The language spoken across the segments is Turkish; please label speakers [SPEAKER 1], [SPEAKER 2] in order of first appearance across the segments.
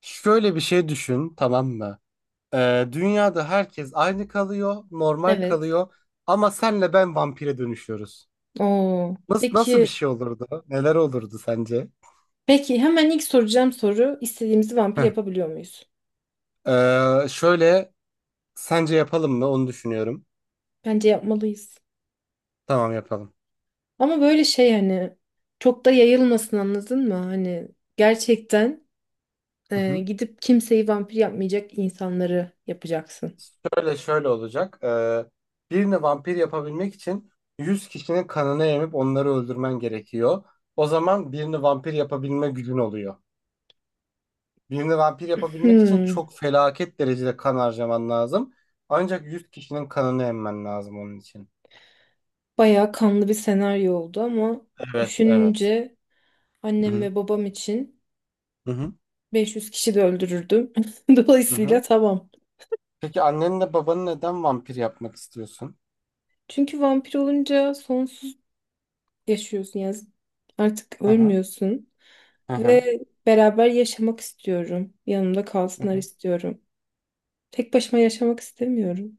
[SPEAKER 1] Şöyle bir şey düşün, tamam mı? Dünyada herkes aynı kalıyor, normal
[SPEAKER 2] Evet.
[SPEAKER 1] kalıyor ama senle ben vampire dönüşüyoruz.
[SPEAKER 2] Oo.
[SPEAKER 1] Nasıl bir
[SPEAKER 2] Peki,
[SPEAKER 1] şey olurdu? Neler olurdu sence?
[SPEAKER 2] peki, hemen ilk soracağım soru istediğimizi vampir
[SPEAKER 1] Heh.
[SPEAKER 2] yapabiliyor muyuz?
[SPEAKER 1] Şöyle sence yapalım mı? Onu düşünüyorum.
[SPEAKER 2] Bence yapmalıyız.
[SPEAKER 1] Tamam yapalım.
[SPEAKER 2] Ama böyle şey hani çok da yayılmasın anladın mı? Hani gerçekten
[SPEAKER 1] Hı hı.
[SPEAKER 2] gidip kimseyi vampir yapmayacak insanları yapacaksın.
[SPEAKER 1] Şöyle olacak. Birini vampir yapabilmek için 100 kişinin kanını emip onları öldürmen gerekiyor. O zaman birini vampir yapabilme gücün oluyor. Birini vampir yapabilmek için
[SPEAKER 2] Hmm,
[SPEAKER 1] çok felaket derecede kan harcaman lazım. Ancak 100 kişinin kanını emmen lazım onun için.
[SPEAKER 2] bayağı kanlı bir senaryo oldu ama
[SPEAKER 1] Evet, evet.
[SPEAKER 2] düşününce
[SPEAKER 1] Hı
[SPEAKER 2] annem
[SPEAKER 1] hı.
[SPEAKER 2] ve babam için
[SPEAKER 1] Hı hı.
[SPEAKER 2] 500 kişi de öldürürdüm.
[SPEAKER 1] Hı
[SPEAKER 2] Dolayısıyla
[SPEAKER 1] hı.
[SPEAKER 2] tamam.
[SPEAKER 1] Peki annenle babanı neden vampir yapmak istiyorsun?
[SPEAKER 2] Çünkü vampir olunca sonsuz yaşıyorsun ya. Artık
[SPEAKER 1] Hı hı.
[SPEAKER 2] ölmüyorsun
[SPEAKER 1] Hı hı.
[SPEAKER 2] ve beraber yaşamak istiyorum. Yanımda
[SPEAKER 1] Hı
[SPEAKER 2] kalsınlar
[SPEAKER 1] hı.
[SPEAKER 2] istiyorum. Tek başıma yaşamak istemiyorum.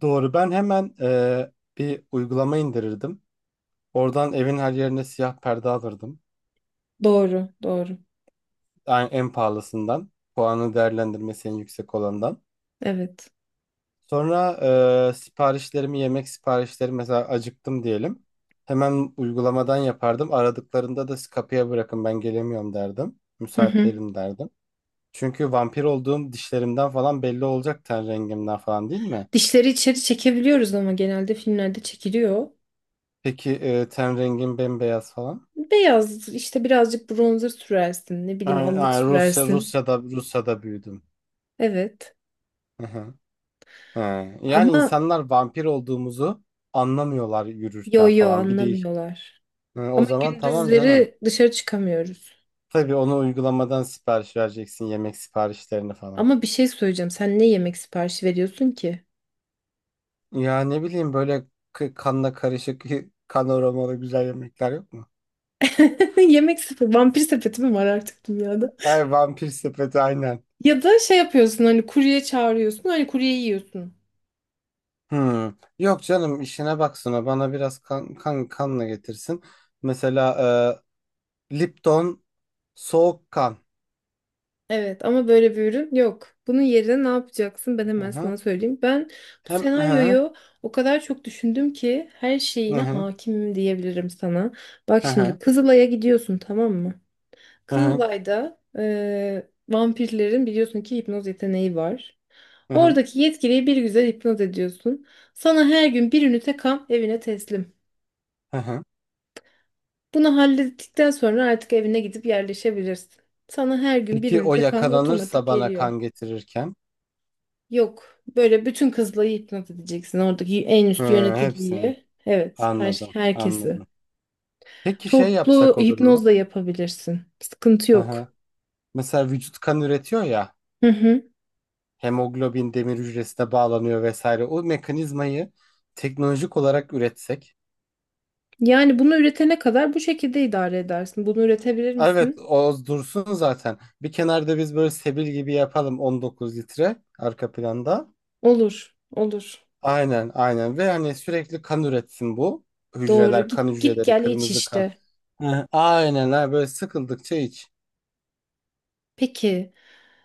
[SPEAKER 1] Doğru. Ben hemen bir uygulama indirirdim. Oradan evin her yerine siyah perde alırdım.
[SPEAKER 2] Doğru, doğru.
[SPEAKER 1] Yani en pahalısından. Puanı değerlendirmesi en yüksek olandan.
[SPEAKER 2] Evet.
[SPEAKER 1] Sonra siparişlerimi, yemek siparişleri mesela acıktım diyelim. Hemen uygulamadan yapardım. Aradıklarında da "Siz kapıya bırakın ben gelemiyorum" derdim.
[SPEAKER 2] Hı
[SPEAKER 1] Müsait
[SPEAKER 2] hı.
[SPEAKER 1] değilim derdim. Çünkü vampir olduğum dişlerimden falan belli olacak, ten rengimden falan, değil mi?
[SPEAKER 2] Dişleri içeri çekebiliyoruz ama genelde filmlerde çekiliyor.
[SPEAKER 1] Peki ten rengim bembeyaz falan.
[SPEAKER 2] Beyaz işte birazcık bronzer sürersin, ne bileyim
[SPEAKER 1] Yani,
[SPEAKER 2] allık
[SPEAKER 1] yani
[SPEAKER 2] sürersin.
[SPEAKER 1] Rusya'da büyüdüm.
[SPEAKER 2] Evet.
[SPEAKER 1] Hı hı. He. Yani
[SPEAKER 2] Ama
[SPEAKER 1] insanlar vampir olduğumuzu anlamıyorlar
[SPEAKER 2] yo
[SPEAKER 1] yürürken
[SPEAKER 2] yo
[SPEAKER 1] falan. Bir değil.
[SPEAKER 2] anlamıyorlar.
[SPEAKER 1] Hı, o
[SPEAKER 2] Ama
[SPEAKER 1] zaman tamam canım.
[SPEAKER 2] gündüzleri dışarı çıkamıyoruz.
[SPEAKER 1] Tabii onu uygulamadan sipariş vereceksin, yemek siparişlerini falan.
[SPEAKER 2] Ama bir şey söyleyeceğim. Sen ne yemek siparişi veriyorsun ki?
[SPEAKER 1] Ya ne bileyim böyle kanla karışık kanoralı güzel yemekler yok mu?
[SPEAKER 2] Yemek sepeti, vampir sepeti mi var artık dünyada?
[SPEAKER 1] Ay vampir sepeti aynen.
[SPEAKER 2] Ya da şey yapıyorsun hani kurye çağırıyorsun hani kurye yiyorsun.
[SPEAKER 1] Hmm. Yok canım, işine baksana, bana biraz kan kanla getirsin. Mesela Lipton soğuk kan.
[SPEAKER 2] Evet ama böyle bir ürün yok. Bunun yerine ne yapacaksın ben
[SPEAKER 1] Hı
[SPEAKER 2] hemen
[SPEAKER 1] hı.
[SPEAKER 2] sana söyleyeyim. Ben bu
[SPEAKER 1] Hem hı
[SPEAKER 2] senaryoyu o kadar çok düşündüm ki her
[SPEAKER 1] hı hı
[SPEAKER 2] şeyine
[SPEAKER 1] hı
[SPEAKER 2] hakimim diyebilirim sana. Bak
[SPEAKER 1] hı
[SPEAKER 2] şimdi Kızılay'a gidiyorsun tamam mı?
[SPEAKER 1] hı hı
[SPEAKER 2] Kızılay'da vampirlerin biliyorsun ki hipnoz yeteneği var.
[SPEAKER 1] hı hı
[SPEAKER 2] Oradaki yetkiliyi bir güzel hipnoz ediyorsun. Sana her gün bir ünite kan evine teslim.
[SPEAKER 1] hı hı.
[SPEAKER 2] Bunu hallettikten sonra artık evine gidip yerleşebilirsin. Sana her gün bir
[SPEAKER 1] Peki o
[SPEAKER 2] ünite kan otomatik
[SPEAKER 1] yakalanırsa bana
[SPEAKER 2] geliyor.
[SPEAKER 1] kan getirirken?
[SPEAKER 2] Yok, böyle bütün kızları hipnot edeceksin oradaki en üst
[SPEAKER 1] Hı, hepsini
[SPEAKER 2] yöneticiyi. Evet,
[SPEAKER 1] anladım,
[SPEAKER 2] herkesi.
[SPEAKER 1] anladım. Peki şey
[SPEAKER 2] Toplu
[SPEAKER 1] yapsak olur mu?
[SPEAKER 2] hipnozla yapabilirsin. Sıkıntı
[SPEAKER 1] Hı hı.
[SPEAKER 2] yok.
[SPEAKER 1] Mesela vücut kan üretiyor ya,
[SPEAKER 2] Hı hı.
[SPEAKER 1] hemoglobin demir hücresine bağlanıyor vesaire. O mekanizmayı teknolojik olarak üretsek.
[SPEAKER 2] Yani bunu üretene kadar bu şekilde idare edersin. Bunu üretebilir
[SPEAKER 1] Ah, evet,
[SPEAKER 2] misin?
[SPEAKER 1] o dursun zaten. Bir kenarda biz böyle sebil gibi yapalım, 19 litre arka planda.
[SPEAKER 2] Olur, olur.
[SPEAKER 1] Aynen, aynen. Ve hani sürekli kan üretsin bu
[SPEAKER 2] Doğru.
[SPEAKER 1] hücreler, kan
[SPEAKER 2] Git git
[SPEAKER 1] hücreleri,
[SPEAKER 2] gel iç
[SPEAKER 1] kırmızı kan.
[SPEAKER 2] işte.
[SPEAKER 1] Hı hı. Aynen, ha böyle sıkıldıkça iç.
[SPEAKER 2] Peki.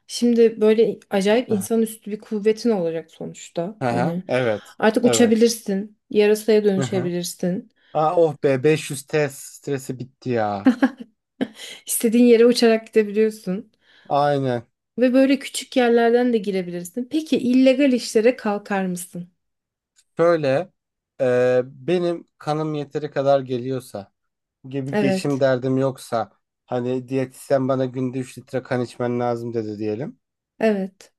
[SPEAKER 2] Şimdi böyle acayip insanüstü bir kuvvetin olacak sonuçta.
[SPEAKER 1] Hı hı.
[SPEAKER 2] Hani
[SPEAKER 1] Evet,
[SPEAKER 2] artık
[SPEAKER 1] evet.
[SPEAKER 2] uçabilirsin, yarasaya
[SPEAKER 1] Hı hı.
[SPEAKER 2] dönüşebilirsin.
[SPEAKER 1] Aa, oh be, 500 test stresi bitti ya.
[SPEAKER 2] İstediğin yere uçarak gidebiliyorsun
[SPEAKER 1] Aynen.
[SPEAKER 2] ve böyle küçük yerlerden de girebilirsin. Peki illegal işlere kalkar mısın?
[SPEAKER 1] Şöyle benim kanım yeteri kadar geliyorsa gibi geçim
[SPEAKER 2] Evet.
[SPEAKER 1] derdim, yoksa hani diyetisyen bana günde 3 litre kan içmen lazım dedi diyelim.
[SPEAKER 2] Evet.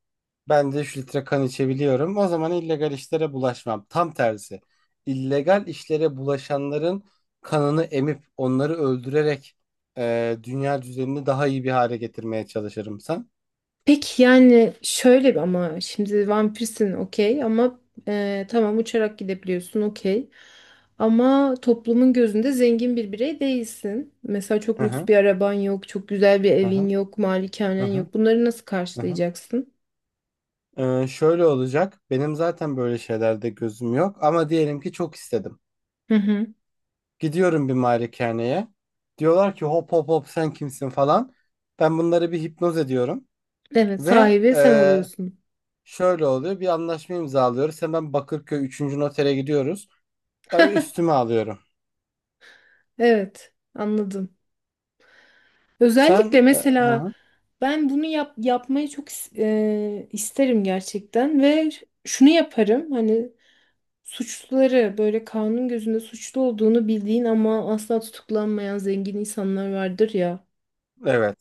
[SPEAKER 1] Ben de 3 litre kan içebiliyorum. O zaman illegal işlere bulaşmam. Tam tersi. İllegal işlere bulaşanların kanını emip onları öldürerek dünya düzenini daha iyi bir hale getirmeye çalışırım sen.
[SPEAKER 2] Peki yani şöyle bir ama şimdi vampirsin okey ama tamam uçarak gidebiliyorsun okey. Ama toplumun gözünde zengin bir birey değilsin. Mesela çok lüks
[SPEAKER 1] Aha,
[SPEAKER 2] bir araban yok, çok güzel bir
[SPEAKER 1] aha,
[SPEAKER 2] evin yok, malikanen
[SPEAKER 1] aha,
[SPEAKER 2] yok. Bunları nasıl
[SPEAKER 1] aha.
[SPEAKER 2] karşılayacaksın?
[SPEAKER 1] Şöyle olacak. Benim zaten böyle şeylerde gözüm yok, ama diyelim ki çok istedim.
[SPEAKER 2] Hı hı.
[SPEAKER 1] Gidiyorum bir malikaneye. Diyorlar ki hop hop hop, sen kimsin falan. Ben bunları bir hipnoz ediyorum
[SPEAKER 2] Evet,
[SPEAKER 1] ve
[SPEAKER 2] sahibi sen oluyorsun.
[SPEAKER 1] şöyle oluyor. Bir anlaşma imzalıyoruz. Hemen Bakırköy üçüncü notere gidiyoruz. Tabii üstüme alıyorum.
[SPEAKER 2] Evet, anladım. Özellikle
[SPEAKER 1] Sen hı
[SPEAKER 2] mesela
[SPEAKER 1] hı,
[SPEAKER 2] ben bunu yapmayı çok isterim gerçekten ve şunu yaparım hani suçluları böyle kanun gözünde suçlu olduğunu bildiğin ama asla tutuklanmayan zengin insanlar vardır ya.
[SPEAKER 1] evet.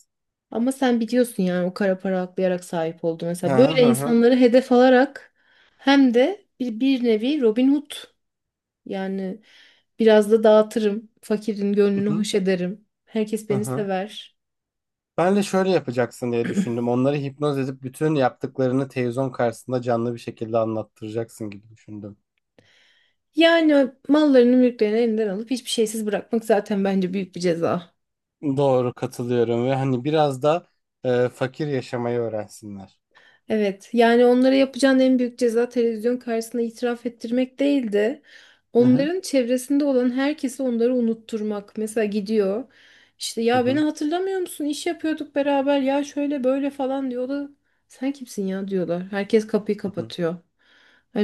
[SPEAKER 2] Ama sen biliyorsun yani o kara para aklayarak sahip oldu
[SPEAKER 1] Hı
[SPEAKER 2] mesela.
[SPEAKER 1] hı
[SPEAKER 2] Böyle
[SPEAKER 1] hı hı.
[SPEAKER 2] insanları hedef alarak hem de bir nevi Robin Hood yani biraz da dağıtırım. Fakirin gönlünü
[SPEAKER 1] Hı
[SPEAKER 2] hoş ederim. Herkes
[SPEAKER 1] hı.
[SPEAKER 2] beni
[SPEAKER 1] Hı.
[SPEAKER 2] sever.
[SPEAKER 1] Ben de şöyle yapacaksın diye düşündüm. Onları hipnoz edip bütün yaptıklarını televizyon karşısında canlı bir şekilde anlattıracaksın gibi düşündüm.
[SPEAKER 2] Yani mallarını mülklerini elinden alıp hiçbir şeysiz bırakmak zaten bence büyük bir ceza.
[SPEAKER 1] Doğru, katılıyorum. Ve hani biraz da fakir yaşamayı öğrensinler.
[SPEAKER 2] Evet, yani onlara yapacağın en büyük ceza televizyon karşısında itiraf ettirmek değildi.
[SPEAKER 1] Hı hı.
[SPEAKER 2] Onların çevresinde olan herkesi onları unutturmak. Mesela gidiyor. İşte
[SPEAKER 1] Hı
[SPEAKER 2] ya beni
[SPEAKER 1] hı.
[SPEAKER 2] hatırlamıyor musun? İş yapıyorduk beraber. Ya şöyle böyle falan diyor. O da sen kimsin ya diyorlar. Herkes kapıyı
[SPEAKER 1] Hı hı.
[SPEAKER 2] kapatıyor.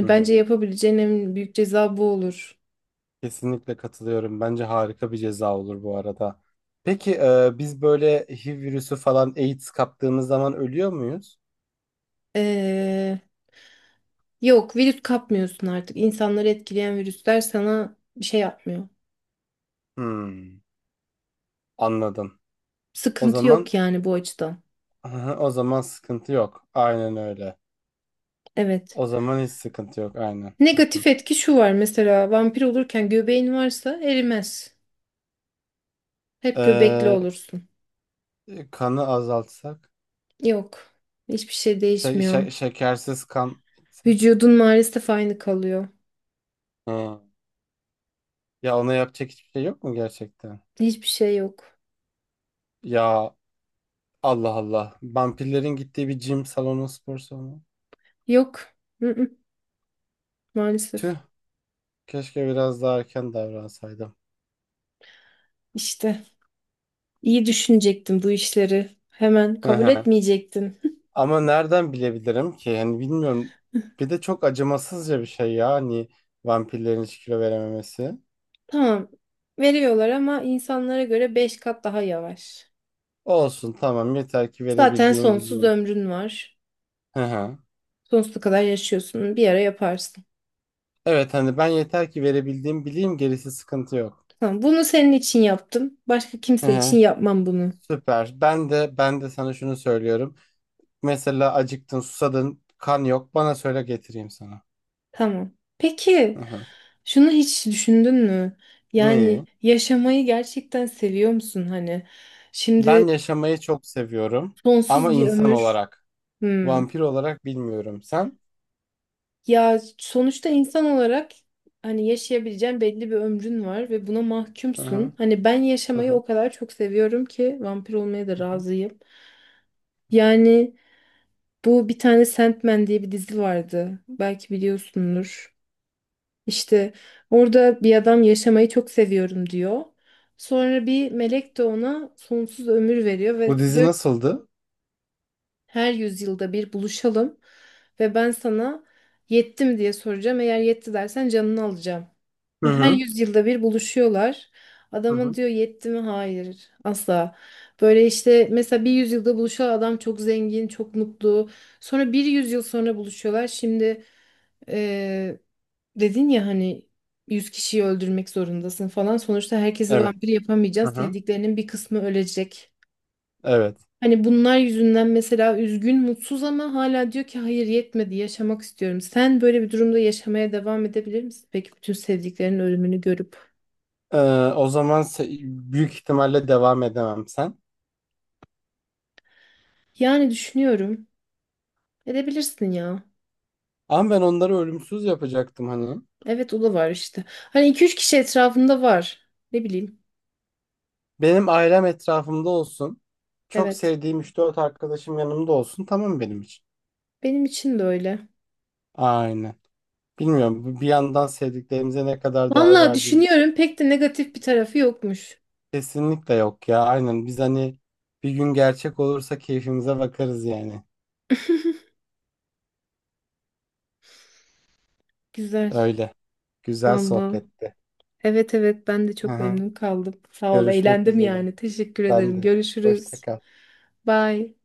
[SPEAKER 1] Hı
[SPEAKER 2] bence
[SPEAKER 1] hı.
[SPEAKER 2] yapabileceğin en büyük ceza bu olur.
[SPEAKER 1] Kesinlikle katılıyorum. Bence harika bir ceza olur bu arada. Peki biz böyle HIV virüsü falan, AIDS kaptığımız zaman ölüyor muyuz?
[SPEAKER 2] Ee, yok virüs kapmıyorsun artık. İnsanları etkileyen virüsler sana bir şey yapmıyor.
[SPEAKER 1] Hmm, anladım. O
[SPEAKER 2] Sıkıntı yok
[SPEAKER 1] zaman
[SPEAKER 2] yani bu açıdan.
[SPEAKER 1] o zaman sıkıntı yok. Aynen öyle.
[SPEAKER 2] Evet.
[SPEAKER 1] O zaman hiç sıkıntı yok. Aynen.
[SPEAKER 2] Negatif etki şu var mesela vampir olurken göbeğin varsa erimez. Hep göbekli
[SPEAKER 1] Ee,
[SPEAKER 2] olursun.
[SPEAKER 1] Kanı azaltsak,
[SPEAKER 2] Yok. Hiçbir şey
[SPEAKER 1] şey,
[SPEAKER 2] değişmiyor.
[SPEAKER 1] şekersiz kan içsek.
[SPEAKER 2] Vücudun maalesef aynı kalıyor.
[SPEAKER 1] Hı. Ya ona yapacak hiçbir şey yok mu gerçekten?
[SPEAKER 2] Hiçbir şey yok.
[SPEAKER 1] Ya Allah Allah. Vampirlerin gittiği bir gym salonu, spor salonu.
[SPEAKER 2] Yok. Mm-mm, maalesef.
[SPEAKER 1] Tüh, keşke biraz daha erken davransaydım.
[SPEAKER 2] İşte iyi düşünecektin bu işleri. Hemen
[SPEAKER 1] Hı
[SPEAKER 2] kabul
[SPEAKER 1] hı.
[SPEAKER 2] etmeyecektin.
[SPEAKER 1] Ama nereden bilebilirim ki? Yani bilmiyorum. Bir de çok acımasızca bir şey ya. Hani vampirlerin hiç kilo verememesi.
[SPEAKER 2] Tamam. Veriyorlar ama insanlara göre 5 kat daha yavaş.
[SPEAKER 1] Olsun, tamam, yeter ki
[SPEAKER 2] Zaten
[SPEAKER 1] verebildiğim
[SPEAKER 2] sonsuz
[SPEAKER 1] bileyim.
[SPEAKER 2] ömrün var.
[SPEAKER 1] Hı hı.
[SPEAKER 2] Sonsuza kadar yaşıyorsun. Bir ara yaparsın.
[SPEAKER 1] Evet, hani ben yeter ki verebildiğim bileyim, gerisi sıkıntı yok.
[SPEAKER 2] Tamam, bunu senin için yaptım. Başka
[SPEAKER 1] Hı
[SPEAKER 2] kimse için
[SPEAKER 1] hı.
[SPEAKER 2] yapmam bunu.
[SPEAKER 1] Süper. Ben de sana şunu söylüyorum. Mesela acıktın, susadın, kan yok. Bana söyle, getireyim sana.
[SPEAKER 2] Tamam. Peki,
[SPEAKER 1] Hı hı.
[SPEAKER 2] şunu hiç düşündün mü? Yani
[SPEAKER 1] Neyi?
[SPEAKER 2] yaşamayı gerçekten seviyor musun hani? Şimdi
[SPEAKER 1] Ben yaşamayı çok seviyorum,
[SPEAKER 2] sonsuz
[SPEAKER 1] ama
[SPEAKER 2] bir
[SPEAKER 1] insan
[SPEAKER 2] ömür.
[SPEAKER 1] olarak,
[SPEAKER 2] Hmm.
[SPEAKER 1] vampir olarak bilmiyorum. Sen?
[SPEAKER 2] Ya sonuçta insan olarak hani yaşayabileceğin belli bir ömrün var ve buna
[SPEAKER 1] Hı hı.
[SPEAKER 2] mahkumsun. Hani ben
[SPEAKER 1] Hı
[SPEAKER 2] yaşamayı
[SPEAKER 1] hı.
[SPEAKER 2] o kadar çok seviyorum ki vampir olmaya da
[SPEAKER 1] Hı hı.
[SPEAKER 2] razıyım. Yani bu bir tane Sandman diye bir dizi vardı. Belki biliyorsundur. İşte orada bir adam yaşamayı çok seviyorum diyor. Sonra bir melek de ona sonsuz ömür veriyor
[SPEAKER 1] Bu
[SPEAKER 2] ve
[SPEAKER 1] dizi
[SPEAKER 2] diyor ki,
[SPEAKER 1] nasıldı?
[SPEAKER 2] her yüzyılda bir buluşalım ve ben sana yettim diye soracağım. Eğer yetti dersen canını alacağım.
[SPEAKER 1] Hı
[SPEAKER 2] Ve her
[SPEAKER 1] hı.
[SPEAKER 2] yüzyılda bir buluşuyorlar.
[SPEAKER 1] Hı
[SPEAKER 2] Adama
[SPEAKER 1] hı.
[SPEAKER 2] diyor yetti mi? Hayır. Asla. Böyle işte mesela bir yüzyılda buluşan adam çok zengin, çok mutlu. Sonra bir yüzyıl sonra buluşuyorlar. Şimdi ee, dedin ya hani 100 kişiyi öldürmek zorundasın falan. Sonuçta herkesi
[SPEAKER 1] Evet.
[SPEAKER 2] vampir
[SPEAKER 1] Hı
[SPEAKER 2] yapamayacağız.
[SPEAKER 1] hı.
[SPEAKER 2] Sevdiklerinin bir kısmı ölecek.
[SPEAKER 1] Evet.
[SPEAKER 2] Hani bunlar yüzünden mesela üzgün, mutsuz ama hala diyor ki hayır yetmedi, yaşamak istiyorum. Sen böyle bir durumda yaşamaya devam edebilir misin? Peki bütün sevdiklerinin ölümünü görüp.
[SPEAKER 1] Ee, O zaman büyük ihtimalle devam edemem sen.
[SPEAKER 2] Yani düşünüyorum. Edebilirsin ya.
[SPEAKER 1] Ama ben onları ölümsüz yapacaktım hani.
[SPEAKER 2] Evet o da var işte. Hani iki üç kişi etrafında var. Ne bileyim.
[SPEAKER 1] Benim ailem etrafımda olsun. Çok
[SPEAKER 2] Evet.
[SPEAKER 1] sevdiğim üç dört arkadaşım yanımda olsun. Tamam benim için.
[SPEAKER 2] Benim için de öyle.
[SPEAKER 1] Aynen. Bilmiyorum, bu bir yandan sevdiklerimize ne kadar değer
[SPEAKER 2] Vallahi
[SPEAKER 1] verdiğimiz
[SPEAKER 2] düşünüyorum pek de negatif bir tarafı yokmuş.
[SPEAKER 1] kesinlikle yok ya. Aynen, biz hani bir gün gerçek olursa keyfimize bakarız yani.
[SPEAKER 2] Güzel.
[SPEAKER 1] Öyle. Güzel
[SPEAKER 2] Valla.
[SPEAKER 1] sohbetti.
[SPEAKER 2] Evet evet ben de
[SPEAKER 1] Hı
[SPEAKER 2] çok
[SPEAKER 1] hı.
[SPEAKER 2] memnun kaldım. Sağ ol.
[SPEAKER 1] Görüşmek
[SPEAKER 2] Eğlendim
[SPEAKER 1] üzere.
[SPEAKER 2] yani. Teşekkür
[SPEAKER 1] Ben
[SPEAKER 2] ederim.
[SPEAKER 1] de. Hoşça
[SPEAKER 2] Görüşürüz.
[SPEAKER 1] kal.
[SPEAKER 2] Bye.